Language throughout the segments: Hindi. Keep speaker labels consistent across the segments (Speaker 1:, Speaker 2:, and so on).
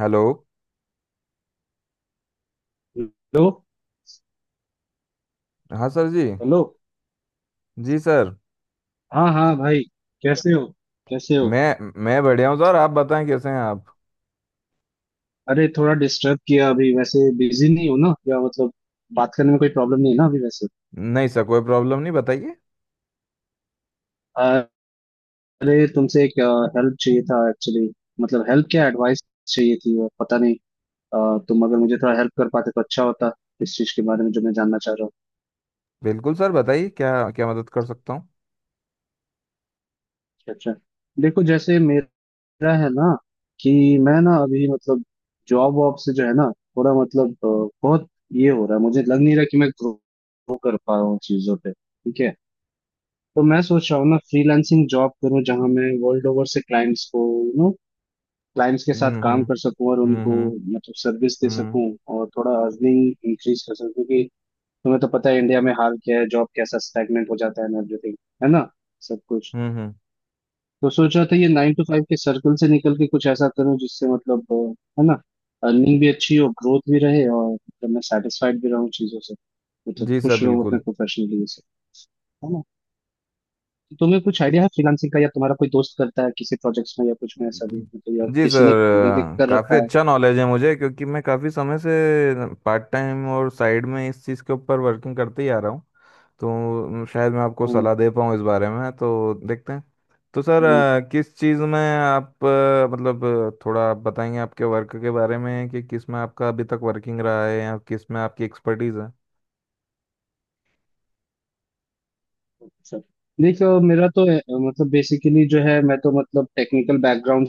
Speaker 1: हेलो।
Speaker 2: हेलो।
Speaker 1: हाँ सर जी।
Speaker 2: हेलो।
Speaker 1: जी सर।
Speaker 2: हाँ हाँ भाई, कैसे हो? कैसे हो?
Speaker 1: मैं बढ़िया हूँ सर, आप बताएं कैसे हैं आप।
Speaker 2: अरे, थोड़ा डिस्टर्ब किया। अभी वैसे बिजी नहीं हो ना, या मतलब बात करने में कोई प्रॉब्लम नहीं है ना अभी वैसे?
Speaker 1: नहीं सर, कोई प्रॉब्लम नहीं, बताइए।
Speaker 2: अरे तुमसे एक हेल्प चाहिए था एक्चुअली। मतलब हेल्प क्या, एडवाइस चाहिए थी, और पता नहीं। तुम अगर मुझे थोड़ा हेल्प कर पाते तो अच्छा होता, इस चीज के बारे में जो मैं जानना चाह रहा हूँ।
Speaker 1: बिल्कुल सर, बताइए क्या क्या मदद कर सकता हूँ।
Speaker 2: अच्छा अच्छा। देखो, जैसे मेरा मेरा है ना कि मैं ना अभी मतलब जॉब वॉब से जो है ना, थोड़ा मतलब बहुत ये हो रहा है, मुझे लग नहीं रहा कि मैं ग्रो कर पा रहा हूँ चीजों पे, ठीक है। तो मैं सोच रहा हूँ ना फ्रीलांसिंग जॉब करूँ, जहाँ मैं वर्ल्ड ओवर से क्लाइंट्स को, यू नो, क्लाइंट्स के साथ
Speaker 1: हम्म।
Speaker 2: काम
Speaker 1: हम्म।
Speaker 2: कर सकूँ और
Speaker 1: हम्म।
Speaker 2: उनको
Speaker 1: हम्म।
Speaker 2: मतलब सर्विस दे
Speaker 1: हम्म।
Speaker 2: सकूँ और थोड़ा अर्निंग इंक्रीज कर सकूँ, क्योंकि तुम्हें तो पता है इंडिया में हाल क्या है, जॉब कैसा स्टैग्नेंट हो जाता है एवरीथिंग, है ना, सब कुछ।
Speaker 1: हम्म, हम्म।
Speaker 2: तो सोच रहा था ये नाइन टू फाइव के सर्कल से निकल के कुछ ऐसा करूं जिससे मतलब है ना, अर्निंग भी अच्छी हो, ग्रोथ भी रहे, और मतलब मैं सेटिस्फाइड भी रहूं चीजों से, मतलब
Speaker 1: जी सर
Speaker 2: खुश रहूं अपने
Speaker 1: बिल्कुल।
Speaker 2: प्रोफेशनली से, है ना। तो तुम्हें कुछ आइडिया है फ्रीलांसिंग का, या तुम्हारा कोई दोस्त करता है किसी प्रोजेक्ट्स में या कुछ में, ऐसा भी मतलब, या
Speaker 1: जी
Speaker 2: किसी
Speaker 1: सर,
Speaker 2: ने मैंने कर
Speaker 1: काफ़ी
Speaker 2: रखा है।
Speaker 1: अच्छा नॉलेज है मुझे क्योंकि मैं काफ़ी समय से पार्ट टाइम और साइड में इस चीज़ के ऊपर वर्किंग करते ही आ रहा हूँ। तो शायद मैं आपको
Speaker 2: हम्म,
Speaker 1: सलाह दे पाऊँ इस बारे में, तो देखते हैं। तो सर,
Speaker 2: हम्म,
Speaker 1: किस चीज़ में आप, मतलब थोड़ा आप बताएंगे आपके वर्क के बारे में कि किस में आपका अभी तक वर्किंग रहा है या किस में आपकी एक्सपर्टीज़ है।
Speaker 2: अच्छा। देखो मेरा तो मतलब बेसिकली जो है, मैं तो मतलब टेक्निकल बैकग्राउंड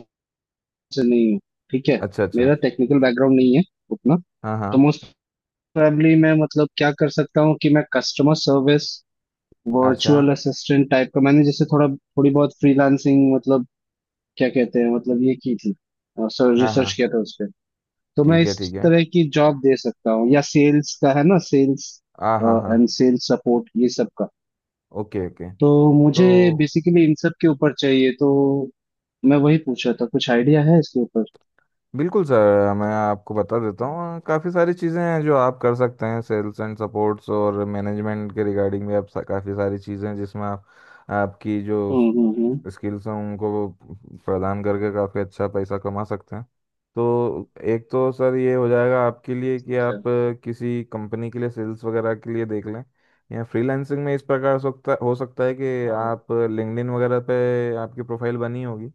Speaker 2: से नहीं हूँ, ठीक है।
Speaker 1: अच्छा अच्छा।
Speaker 2: मेरा टेक्निकल बैकग्राउंड नहीं है उतना।
Speaker 1: हाँ
Speaker 2: तो
Speaker 1: हाँ।
Speaker 2: मोस्ट फैमिली में मतलब क्या कर सकता हूँ कि मैं कस्टमर सर्विस,
Speaker 1: अच्छा।
Speaker 2: वर्चुअल असिस्टेंट टाइप का, मैंने जैसे थोड़ा थोड़ी बहुत फ्रीलांसिंग मतलब क्या कहते हैं मतलब ये की थी, सर
Speaker 1: हाँ हाँ।
Speaker 2: रिसर्च किया था उस पे। तो मैं
Speaker 1: ठीक है
Speaker 2: इस
Speaker 1: ठीक है।
Speaker 2: तरह की जॉब दे सकता हूँ, या सेल्स का, है ना, सेल्स
Speaker 1: हाँ हाँ हाँ।
Speaker 2: एंड सेल्स सपोर्ट, ये सब का।
Speaker 1: Okay okay.
Speaker 2: तो
Speaker 1: तो
Speaker 2: मुझे बेसिकली इन सब के ऊपर चाहिए, तो मैं वही पूछ रहा था कुछ आइडिया है इसके ऊपर।
Speaker 1: बिल्कुल सर, मैं आपको बता देता हूँ, काफ़ी सारी चीज़ें हैं जो आप कर सकते हैं। सेल्स एंड सपोर्ट्स और मैनेजमेंट के रिगार्डिंग भी आप काफ़ी सारी चीज़ें हैं जिसमें आप आपकी जो
Speaker 2: हम्म।
Speaker 1: स्किल्स हम उनको प्रदान करके काफ़ी अच्छा पैसा कमा सकते हैं। तो एक तो सर ये हो जाएगा आपके लिए कि
Speaker 2: अच्छा।
Speaker 1: आप किसी कंपनी के लिए सेल्स वगैरह के लिए देख लें। या फ्रीलांसिंग में इस प्रकार हो सकता है कि
Speaker 2: हाँ।
Speaker 1: आप लिंक्डइन वगैरह पे आपकी प्रोफाइल बनी होगी।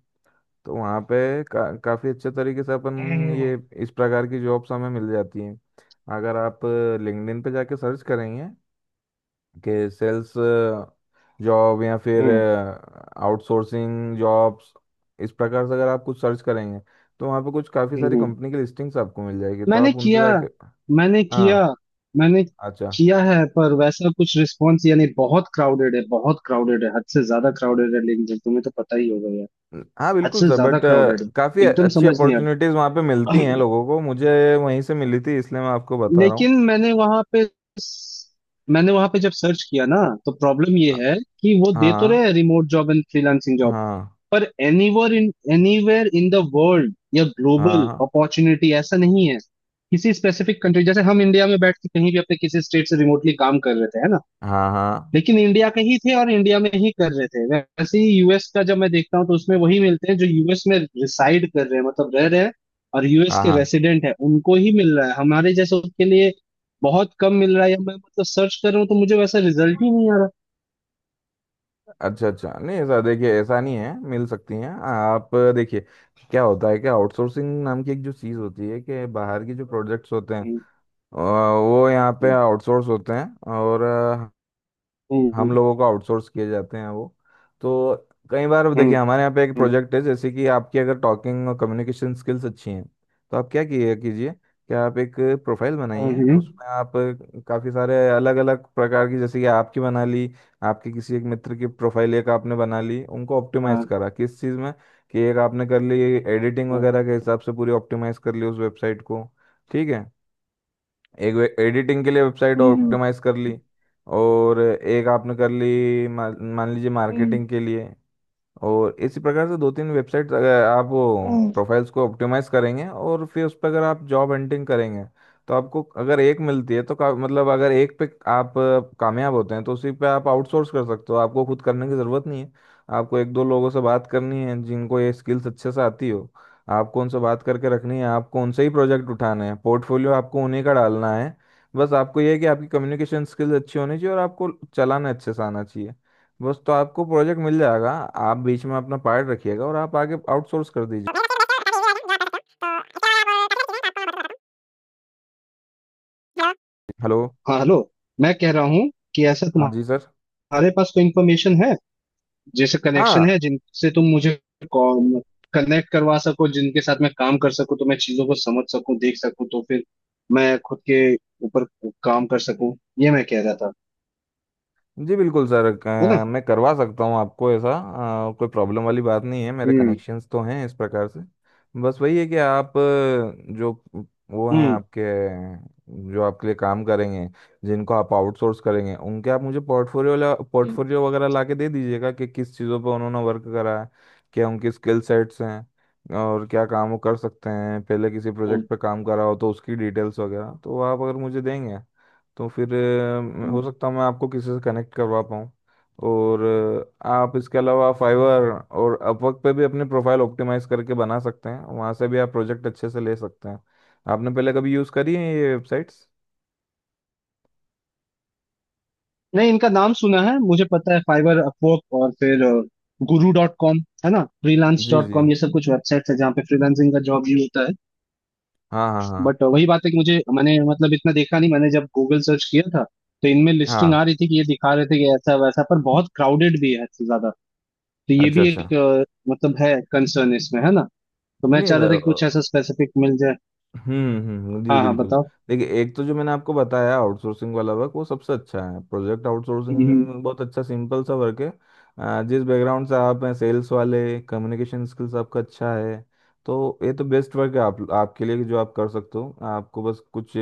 Speaker 1: तो वहाँ पे काफ़ी अच्छे तरीके से अपन ये
Speaker 2: हम्म
Speaker 1: इस प्रकार की जॉब्स हमें मिल जाती हैं। अगर आप लिंक्डइन पे जाके सर्च करेंगे के सेल्स जॉब या फिर
Speaker 2: हम्म
Speaker 1: आउटसोर्सिंग जॉब्स, इस प्रकार से अगर आप कुछ सर्च करेंगे तो वहाँ पे कुछ काफ़ी
Speaker 2: हम्म,
Speaker 1: सारी
Speaker 2: हम्म।
Speaker 1: कंपनी की लिस्टिंग्स आपको मिल जाएगी, तो
Speaker 2: मैंने
Speaker 1: आप उनसे
Speaker 2: किया
Speaker 1: जाके।
Speaker 2: मैंने किया।
Speaker 1: हाँ।
Speaker 2: मैंने
Speaker 1: अच्छा।
Speaker 2: किया है, पर वैसा कुछ रिस्पॉन्स, यानी बहुत क्राउडेड है, बहुत क्राउडेड है, हद से ज्यादा क्राउडेड है लिंक्डइन, तुम्हें तो पता ही होगा यार।
Speaker 1: हाँ
Speaker 2: हद
Speaker 1: बिल्कुल
Speaker 2: से
Speaker 1: सर,
Speaker 2: ज्यादा
Speaker 1: बट
Speaker 2: क्राउडेड है।
Speaker 1: काफ़ी
Speaker 2: एकदम
Speaker 1: अच्छी
Speaker 2: समझ नहीं आ
Speaker 1: अपॉर्चुनिटीज़ वहाँ पे मिलती
Speaker 2: रहा।
Speaker 1: हैं लोगों को, मुझे वहीं से मिली थी, इसलिए मैं आपको बता रहा हूँ।
Speaker 2: लेकिन मैंने वहां पे जब सर्च किया ना, तो प्रॉब्लम ये है कि वो दे तो
Speaker 1: हाँ
Speaker 2: रहे रिमोट जॉब एंड फ्रीलांसिंग,
Speaker 1: हाँ।
Speaker 2: पर anywhere in anywhere in the world या
Speaker 1: हाँ
Speaker 2: ग्लोबल
Speaker 1: हाँ।
Speaker 2: अपॉर्चुनिटी, ऐसा नहीं है। किसी स्पेसिफिक कंट्री, जैसे हम इंडिया में बैठ के कहीं भी अपने किसी स्टेट से रिमोटली काम कर रहे थे, है ना,
Speaker 1: हाँ हाँ।
Speaker 2: लेकिन इंडिया के ही थे और इंडिया में ही कर रहे थे। वैसे ही यूएस का जब मैं देखता हूँ, तो उसमें वही मिलते हैं जो यूएस में रिसाइड कर रहे हैं, मतलब रह रहे हैं, और यूएस
Speaker 1: हाँ
Speaker 2: के
Speaker 1: हाँ।
Speaker 2: रेसिडेंट है उनको ही मिल रहा है। हमारे जैसे उसके लिए बहुत कम मिल रहा है, या मैं मतलब सर्च कर रहा हूँ तो मुझे वैसा रिजल्ट ही नहीं आ रहा।
Speaker 1: अच्छा अच्छा। नहीं, ऐसा देखिए, ऐसा नहीं है, मिल सकती हैं, आप देखिए क्या होता है कि आउटसोर्सिंग नाम की एक जो चीज़ होती है कि बाहर की जो प्रोजेक्ट्स होते हैं
Speaker 2: हम्म,
Speaker 1: वो यहाँ पे
Speaker 2: हम्म,
Speaker 1: आउटसोर्स होते हैं, और
Speaker 2: हम्म
Speaker 1: हम लोगों को आउटसोर्स किए जाते हैं वो। तो कई बार
Speaker 2: हम्म
Speaker 1: देखिए हमारे यहाँ पे एक
Speaker 2: हम्म
Speaker 1: प्रोजेक्ट है, जैसे कि आपकी अगर टॉकिंग और कम्युनिकेशन स्किल्स अच्छी हैं तो आप क्या किए कीजिए कि आप एक प्रोफाइल बनाइए,
Speaker 2: हम्म।
Speaker 1: उसमें आप काफ़ी सारे अलग अलग प्रकार की, जैसे कि आपकी बना ली, आपके किसी एक मित्र की प्रोफाइल एक आपने बना ली, उनको ऑप्टिमाइज करा किस चीज़ में, कि एक आपने कर ली एडिटिंग
Speaker 2: हाँ।
Speaker 1: वगैरह के हिसाब से पूरी ऑप्टिमाइज कर ली उस वेबसाइट को। ठीक है। एक एडिटिंग के लिए वेबसाइट
Speaker 2: हम्म, हम्म,
Speaker 1: ऑप्टिमाइज कर ली, और एक आपने कर ली मान मान लीजिए
Speaker 2: हम्म।
Speaker 1: मार्केटिंग के लिए। और इसी प्रकार से दो तीन वेबसाइट अगर आप वो
Speaker 2: हम्म।
Speaker 1: प्रोफाइल्स को ऑप्टिमाइज करेंगे और फिर उस पर अगर आप जॉब हंटिंग करेंगे तो आपको अगर एक मिलती है तो मतलब अगर एक पे आप कामयाब होते हैं तो उसी पे आप आउटसोर्स कर सकते हो, आपको खुद करने की ज़रूरत नहीं है। आपको एक दो लोगों से बात करनी है जिनको ये स्किल्स अच्छे से आती हो, आपको उनसे बात करके रखनी है, आपको उनसे ही प्रोजेक्ट उठाने हैं, पोर्टफोलियो आपको उन्हीं का डालना है। बस आपको ये है कि आपकी कम्युनिकेशन स्किल्स अच्छी होनी चाहिए और आपको चलाना अच्छे से आना चाहिए, बस तो आपको प्रोजेक्ट मिल जाएगा। आप बीच में अपना पार्ट रखिएगा और आप आगे आउटसोर्स कर दीजिए। हेलो।
Speaker 2: हाँ हेलो। मैं कह रहा हूँ कि ऐसा
Speaker 1: हाँ जी सर।
Speaker 2: तुम्हारे पास कोई इंफॉर्मेशन है, जैसे कनेक्शन है,
Speaker 1: हाँ।
Speaker 2: जिनसे तुम मुझे कनेक्ट करवा सको, जिनके साथ मैं काम कर सकूं, तो मैं चीजों को समझ सकूं, देख सकूं, तो फिर मैं खुद के ऊपर काम कर सकूं। ये मैं कह रहा था,
Speaker 1: जी बिल्कुल सर,
Speaker 2: है ना।
Speaker 1: मैं करवा सकता हूँ आपको ऐसा, कोई प्रॉब्लम वाली बात नहीं है, मेरे
Speaker 2: हम्म
Speaker 1: कनेक्शंस तो हैं इस प्रकार से। बस वही है कि आप, जो वो हैं
Speaker 2: हम्म
Speaker 1: आपके, जो आपके लिए काम करेंगे जिनको आप आउटसोर्स करेंगे उनके आप मुझे पोर्टफोलियो
Speaker 2: हम्म।
Speaker 1: पोर्टफोलियो वगैरह ला के दे दीजिएगा कि किस चीज़ों पर उन्होंने वर्क करा है, क्या उनकी स्किल सेट्स हैं और क्या काम वो कर सकते हैं, पहले किसी प्रोजेक्ट पे काम करा हो तो उसकी डिटेल्स वगैरह तो आप अगर मुझे देंगे तो फिर
Speaker 2: हम्म।
Speaker 1: हो सकता है मैं आपको किसी से कनेक्ट करवा पाऊँ। और आप इसके अलावा फाइवर और अपवर्क पे भी अपने प्रोफाइल ऑप्टिमाइज करके बना सकते हैं, वहाँ से भी आप प्रोजेक्ट अच्छे से ले सकते हैं। आपने पहले कभी यूज़ करी है ये वेबसाइट्स?
Speaker 2: नहीं इनका नाम सुना है, मुझे पता है फाइबर, अपवर्क, और फिर गुरु डॉट कॉम, है ना, फ्रीलांस
Speaker 1: जी
Speaker 2: डॉट
Speaker 1: जी।
Speaker 2: कॉम, ये सब कुछ वेबसाइट्स है जहाँ पे फ्रीलांसिंग का जॉब भी होता है।
Speaker 1: हाँ हाँ हाँ।
Speaker 2: बट वही बात है कि मुझे, मैंने मतलब इतना देखा नहीं, मैंने जब गूगल सर्च किया था तो इनमें लिस्टिंग
Speaker 1: हाँ
Speaker 2: आ रही थी कि ये दिखा रहे थे कि ऐसा वैसा, पर बहुत क्राउडेड भी है हद से ज्यादा। तो ये
Speaker 1: अच्छा
Speaker 2: भी
Speaker 1: अच्छा।
Speaker 2: एक मतलब है कंसर्न इसमें, है ना। तो मैं
Speaker 1: नहीं
Speaker 2: चाह रहा था
Speaker 1: सर।
Speaker 2: कि कुछ ऐसा स्पेसिफिक मिल जाए।
Speaker 1: हम्म, जी
Speaker 2: हाँ हाँ
Speaker 1: बिल्कुल।
Speaker 2: बताओ।
Speaker 1: देखिए, एक तो जो मैंने आपको बताया आउटसोर्सिंग वाला वर्क वो सबसे अच्छा है, प्रोजेक्ट
Speaker 2: हम्म
Speaker 1: आउटसोर्सिंग बहुत अच्छा सिंपल सा वर्क है। जिस बैकग्राउंड से आप हैं सेल्स वाले, कम्युनिकेशन स्किल्स आपका अच्छा है तो ये तो बेस्ट वर्क है आप आपके लिए, कि जो आप कर सकते हो आपको बस कुछ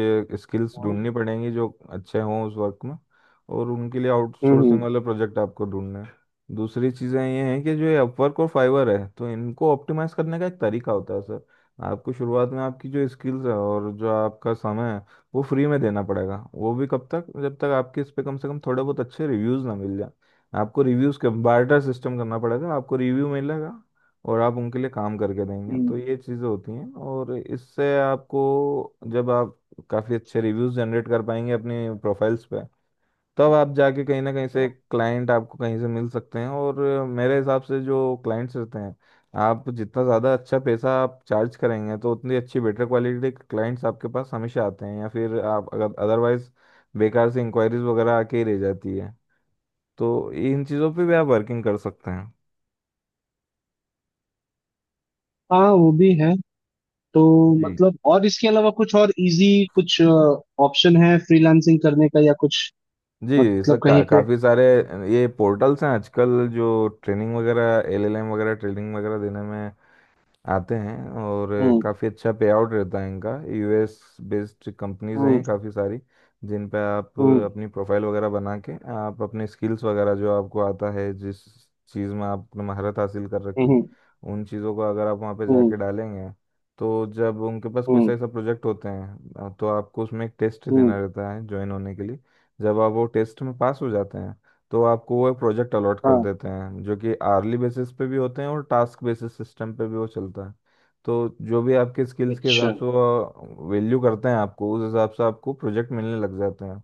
Speaker 1: स्किल्स ढूंढनी
Speaker 2: हम्म
Speaker 1: पड़ेंगी जो अच्छे हों उस वर्क में, और उनके लिए
Speaker 2: हम्म
Speaker 1: आउटसोर्सिंग
Speaker 2: हम्म।
Speaker 1: वाले प्रोजेक्ट आपको ढूंढना है। दूसरी चीज़ें ये हैं कि जो ये अपवर्क और फाइवर है तो इनको ऑप्टिमाइज करने का एक तरीका होता है। आपको शुरुआत में आपकी जो स्किल्स है और जो आपका समय है वो फ्री में देना पड़ेगा, वो भी कब तक जब तक आपके इस पे कम से कम थोड़े बहुत अच्छे रिव्यूज ना मिल जाए। आपको रिव्यूज के बार्टर सिस्टम करना पड़ेगा, आपको रिव्यू मिलेगा और आप उनके लिए काम करके देंगे,
Speaker 2: हम्म,
Speaker 1: तो ये चीज़ें होती हैं। और इससे आपको जब आप काफ़ी अच्छे रिव्यूज जनरेट कर पाएंगे अपनी प्रोफाइल्स पे तब आप जाके कहीं ना कहीं से क्लाइंट आपको कहीं से मिल सकते हैं। और मेरे हिसाब से जो क्लाइंट्स रहते हैं, आप जितना ज़्यादा अच्छा पैसा आप चार्ज करेंगे तो उतनी अच्छी बेटर क्वालिटी के क्लाइंट्स आपके पास हमेशा आते हैं, या फिर आप अगर अदरवाइज बेकार से इंक्वायरीज वगैरह आके ही रह जाती है, तो इन चीज़ों पे भी आप वर्किंग कर सकते हैं।
Speaker 2: हाँ वो भी है। तो
Speaker 1: जी।
Speaker 2: मतलब और इसके अलावा कुछ और इजी, कुछ ऑप्शन है फ्रीलांसिंग करने का, या कुछ
Speaker 1: जी सर
Speaker 2: मतलब कहीं पे?
Speaker 1: काफ़ी सारे ये पोर्टल्स हैं आजकल जो ट्रेनिंग वगैरह एलएलएम वगैरह ट्रेनिंग वगैरह देने में आते हैं, और
Speaker 2: हम्म
Speaker 1: काफ़ी अच्छा पे आउट रहता है इनका। यूएस बेस्ड कंपनीज हैं
Speaker 2: हम्म
Speaker 1: काफ़ी सारी जिन पे आप
Speaker 2: हम्म
Speaker 1: अपनी प्रोफाइल वगैरह बना के आप अपने स्किल्स वगैरह जो आपको आता है जिस चीज़ में आपने महारत हासिल कर रखी
Speaker 2: हम्म
Speaker 1: उन चीज़ों को अगर आप वहाँ पे
Speaker 2: हम्म
Speaker 1: जाके डालेंगे तो जब उनके पास कोई सा
Speaker 2: हम्म
Speaker 1: ऐसा प्रोजेक्ट होते हैं तो आपको उसमें एक टेस्ट
Speaker 2: हम्म,
Speaker 1: देना रहता है ज्वाइन होने के लिए। जब आप वो टेस्ट में पास हो जाते हैं तो आपको वो एक प्रोजेक्ट अलॉट कर
Speaker 2: हाँ
Speaker 1: देते हैं जो कि आर्ली बेसिस पे भी होते हैं और टास्क बेसिस सिस्टम पे भी वो चलता है। तो जो भी आपके स्किल्स के हिसाब
Speaker 2: अच्छा।
Speaker 1: से वो वैल्यू करते हैं आपको, उस हिसाब से आपको प्रोजेक्ट मिलने लग जाते हैं।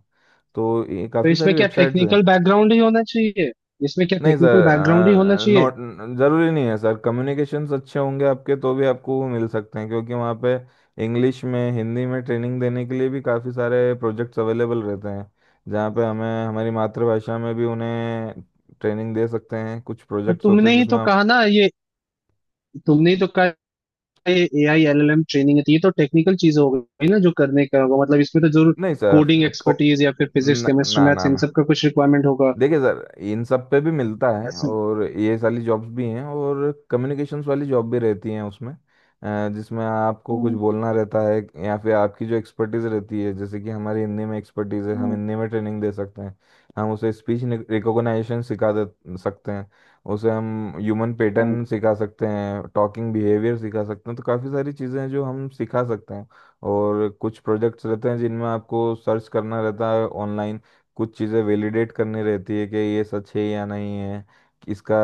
Speaker 1: तो ये
Speaker 2: तो
Speaker 1: काफ़ी
Speaker 2: इसमें
Speaker 1: सारी
Speaker 2: क्या
Speaker 1: वेबसाइट्स हैं।
Speaker 2: टेक्निकल बैकग्राउंड ही होना चाहिए? इसमें क्या
Speaker 1: नहीं
Speaker 2: टेक्निकल बैकग्राउंड ही होना
Speaker 1: सर,
Speaker 2: चाहिए
Speaker 1: नॉट ज़रूरी नहीं है सर, कम्युनिकेशंस अच्छे होंगे आपके तो भी आपको वो मिल सकते हैं क्योंकि वहाँ पे इंग्लिश में, हिंदी में ट्रेनिंग देने के लिए भी काफ़ी सारे प्रोजेक्ट्स अवेलेबल रहते हैं, जहाँ पे हमें हमारी मातृभाषा में भी उन्हें ट्रेनिंग दे सकते हैं। कुछ
Speaker 2: पर
Speaker 1: प्रोजेक्ट्स होते
Speaker 2: तुमने
Speaker 1: हैं
Speaker 2: ही तो
Speaker 1: जिसमें
Speaker 2: कहा ना ये, तुमने ही तो कहा ये एआई एलएलएम ट्रेनिंग है, तो ये तो टेक्निकल चीज हो गई ना, जो करने का होगा मतलब इसमें तो जरूर
Speaker 1: नहीं सर,
Speaker 2: कोडिंग एक्सपर्टीज या फिर फिजिक्स केमिस्ट्री
Speaker 1: ना
Speaker 2: मैथ्स,
Speaker 1: ना
Speaker 2: इन सब
Speaker 1: ना,
Speaker 2: का कुछ रिक्वायरमेंट होगा।
Speaker 1: देखिए सर, इन सब पे भी मिलता है
Speaker 2: ऐसा?
Speaker 1: और ये सारी जॉब्स भी हैं और कम्युनिकेशंस वाली जॉब भी रहती हैं उसमें, जिसमें आपको कुछ
Speaker 2: हम्म,
Speaker 1: बोलना रहता है, या फिर आपकी जो एक्सपर्टीज़ रहती है जैसे कि हमारी हिंदी में एक्सपर्टीज़ है, हम
Speaker 2: हम्म,
Speaker 1: हिंदी में ट्रेनिंग दे सकते हैं, हम उसे स्पीच रिकॉग्नाइजेशन सिखा दे सकते हैं, उसे हम ह्यूमन पैटर्न
Speaker 2: हम्म,
Speaker 1: सिखा सकते हैं, टॉकिंग बिहेवियर सिखा सकते हैं, तो काफ़ी सारी चीज़ें हैं जो हम सिखा सकते हैं। और कुछ प्रोजेक्ट्स रहते हैं जिनमें आपको सर्च करना रहता है ऑनलाइन, कुछ चीज़ें वैलिडेट करनी रहती है कि ये सच है या नहीं है, कि इसका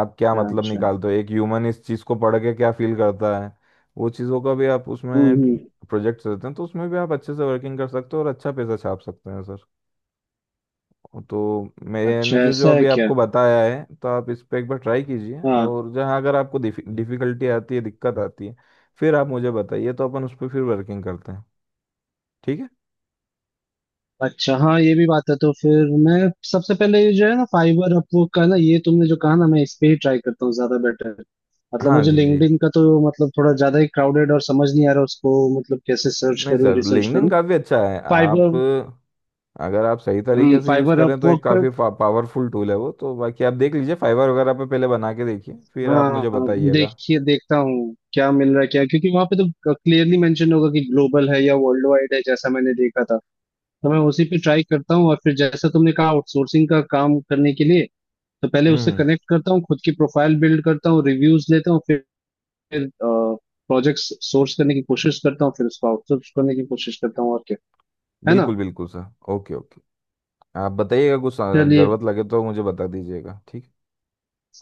Speaker 1: आप क्या
Speaker 2: अच्छा
Speaker 1: मतलब
Speaker 2: अच्छा।
Speaker 1: निकालते हो, एक ह्यूमन इस चीज़ को पढ़ के क्या फील करता है, वो चीज़ों का भी आप
Speaker 2: हम्म
Speaker 1: उसमें
Speaker 2: हम्म,
Speaker 1: प्रोजेक्ट्स रहते हैं, तो उसमें भी आप अच्छे से वर्किंग कर सकते हो और अच्छा पैसा छाप सकते हैं सर। तो मैंने
Speaker 2: अच्छा
Speaker 1: जो जो
Speaker 2: ऐसा है
Speaker 1: अभी
Speaker 2: क्या?
Speaker 1: आपको बताया है तो आप इस पर एक बार ट्राई कीजिए,
Speaker 2: हाँ।
Speaker 1: और जहाँ अगर आपको डिफ़िकल्टी आती है दिक्कत आती है फिर आप मुझे बताइए तो अपन उस पर फिर वर्किंग करते हैं। ठीक है।
Speaker 2: अच्छा हाँ ये भी बात है। तो फिर मैं सबसे पहले ये जो है ना फाइवर अपवर्क का ना, ये तुमने जो कहा ना, मैं इस पे ही ट्राई करता हूँ, ज्यादा बेटर। मतलब
Speaker 1: हाँ
Speaker 2: मुझे
Speaker 1: जी जी।
Speaker 2: लिंक्डइन का तो मतलब थोड़ा ज्यादा ही क्राउडेड और समझ नहीं आ रहा उसको, मतलब कैसे सर्च
Speaker 1: नहीं
Speaker 2: करूँ,
Speaker 1: सर
Speaker 2: रिसर्च
Speaker 1: लिंक्डइन
Speaker 2: करूँ।
Speaker 1: काफ़ी अच्छा है, आप
Speaker 2: फाइबर,
Speaker 1: अगर आप सही तरीके से यूज़
Speaker 2: फाइबर
Speaker 1: करें तो
Speaker 2: अपवर्क
Speaker 1: एक
Speaker 2: पर,
Speaker 1: काफ़ी पावरफुल टूल है वो, तो बाकी आप देख लीजिए फाइवर वगैरह पे पहले बना के देखिए फिर आप मुझे
Speaker 2: हाँ
Speaker 1: बताइएगा।
Speaker 2: देखिए देखता हूँ क्या मिल रहा है क्या, क्योंकि वहां पे तो क्लियरली मेंशन होगा कि ग्लोबल है या वर्ल्ड वाइड है, जैसा मैंने देखा था। तो मैं उसी पे ट्राई करता हूँ। और फिर जैसा तुमने कहा आउटसोर्सिंग का काम करने के लिए, तो पहले उससे
Speaker 1: हम्म।
Speaker 2: कनेक्ट करता हूँ, खुद की प्रोफाइल बिल्ड करता हूँ, रिव्यूज लेता हूँ, फिर प्रोजेक्ट्स सोर्स करने की कोशिश करता हूँ, फिर उसको आउटसोर्स करने की कोशिश करता हूँ, और क्या, है ना।
Speaker 1: बिल्कुल बिल्कुल सर। Okay okay. आप बताइएगा कुछ
Speaker 2: चलिए,
Speaker 1: ज़रूरत लगे तो मुझे बता दीजिएगा, ठीक?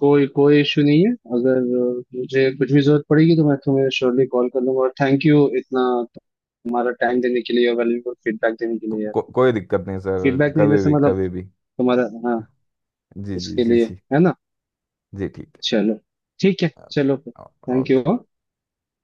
Speaker 2: कोई कोई इश्यू नहीं है। अगर मुझे कुछ भी जरूरत पड़ेगी तो मैं तुम्हें श्योरली कॉल कर लूंगा। और थैंक यू इतना तुम्हारा टाइम देने के लिए और वैल्यूबल फीडबैक देने के लिए यार।
Speaker 1: कोई दिक्कत नहीं सर,
Speaker 2: फीडबैक नहीं
Speaker 1: कभी
Speaker 2: जैसे,
Speaker 1: भी
Speaker 2: मतलब
Speaker 1: कभी भी।
Speaker 2: तुम्हारा, हाँ,
Speaker 1: जी जी
Speaker 2: इसके
Speaker 1: जी
Speaker 2: लिए,
Speaker 1: जी।
Speaker 2: है ना।
Speaker 1: जी ठीक
Speaker 2: चलो, ठीक है,
Speaker 1: है।
Speaker 2: चलो फिर। Thank
Speaker 1: okay.
Speaker 2: यू।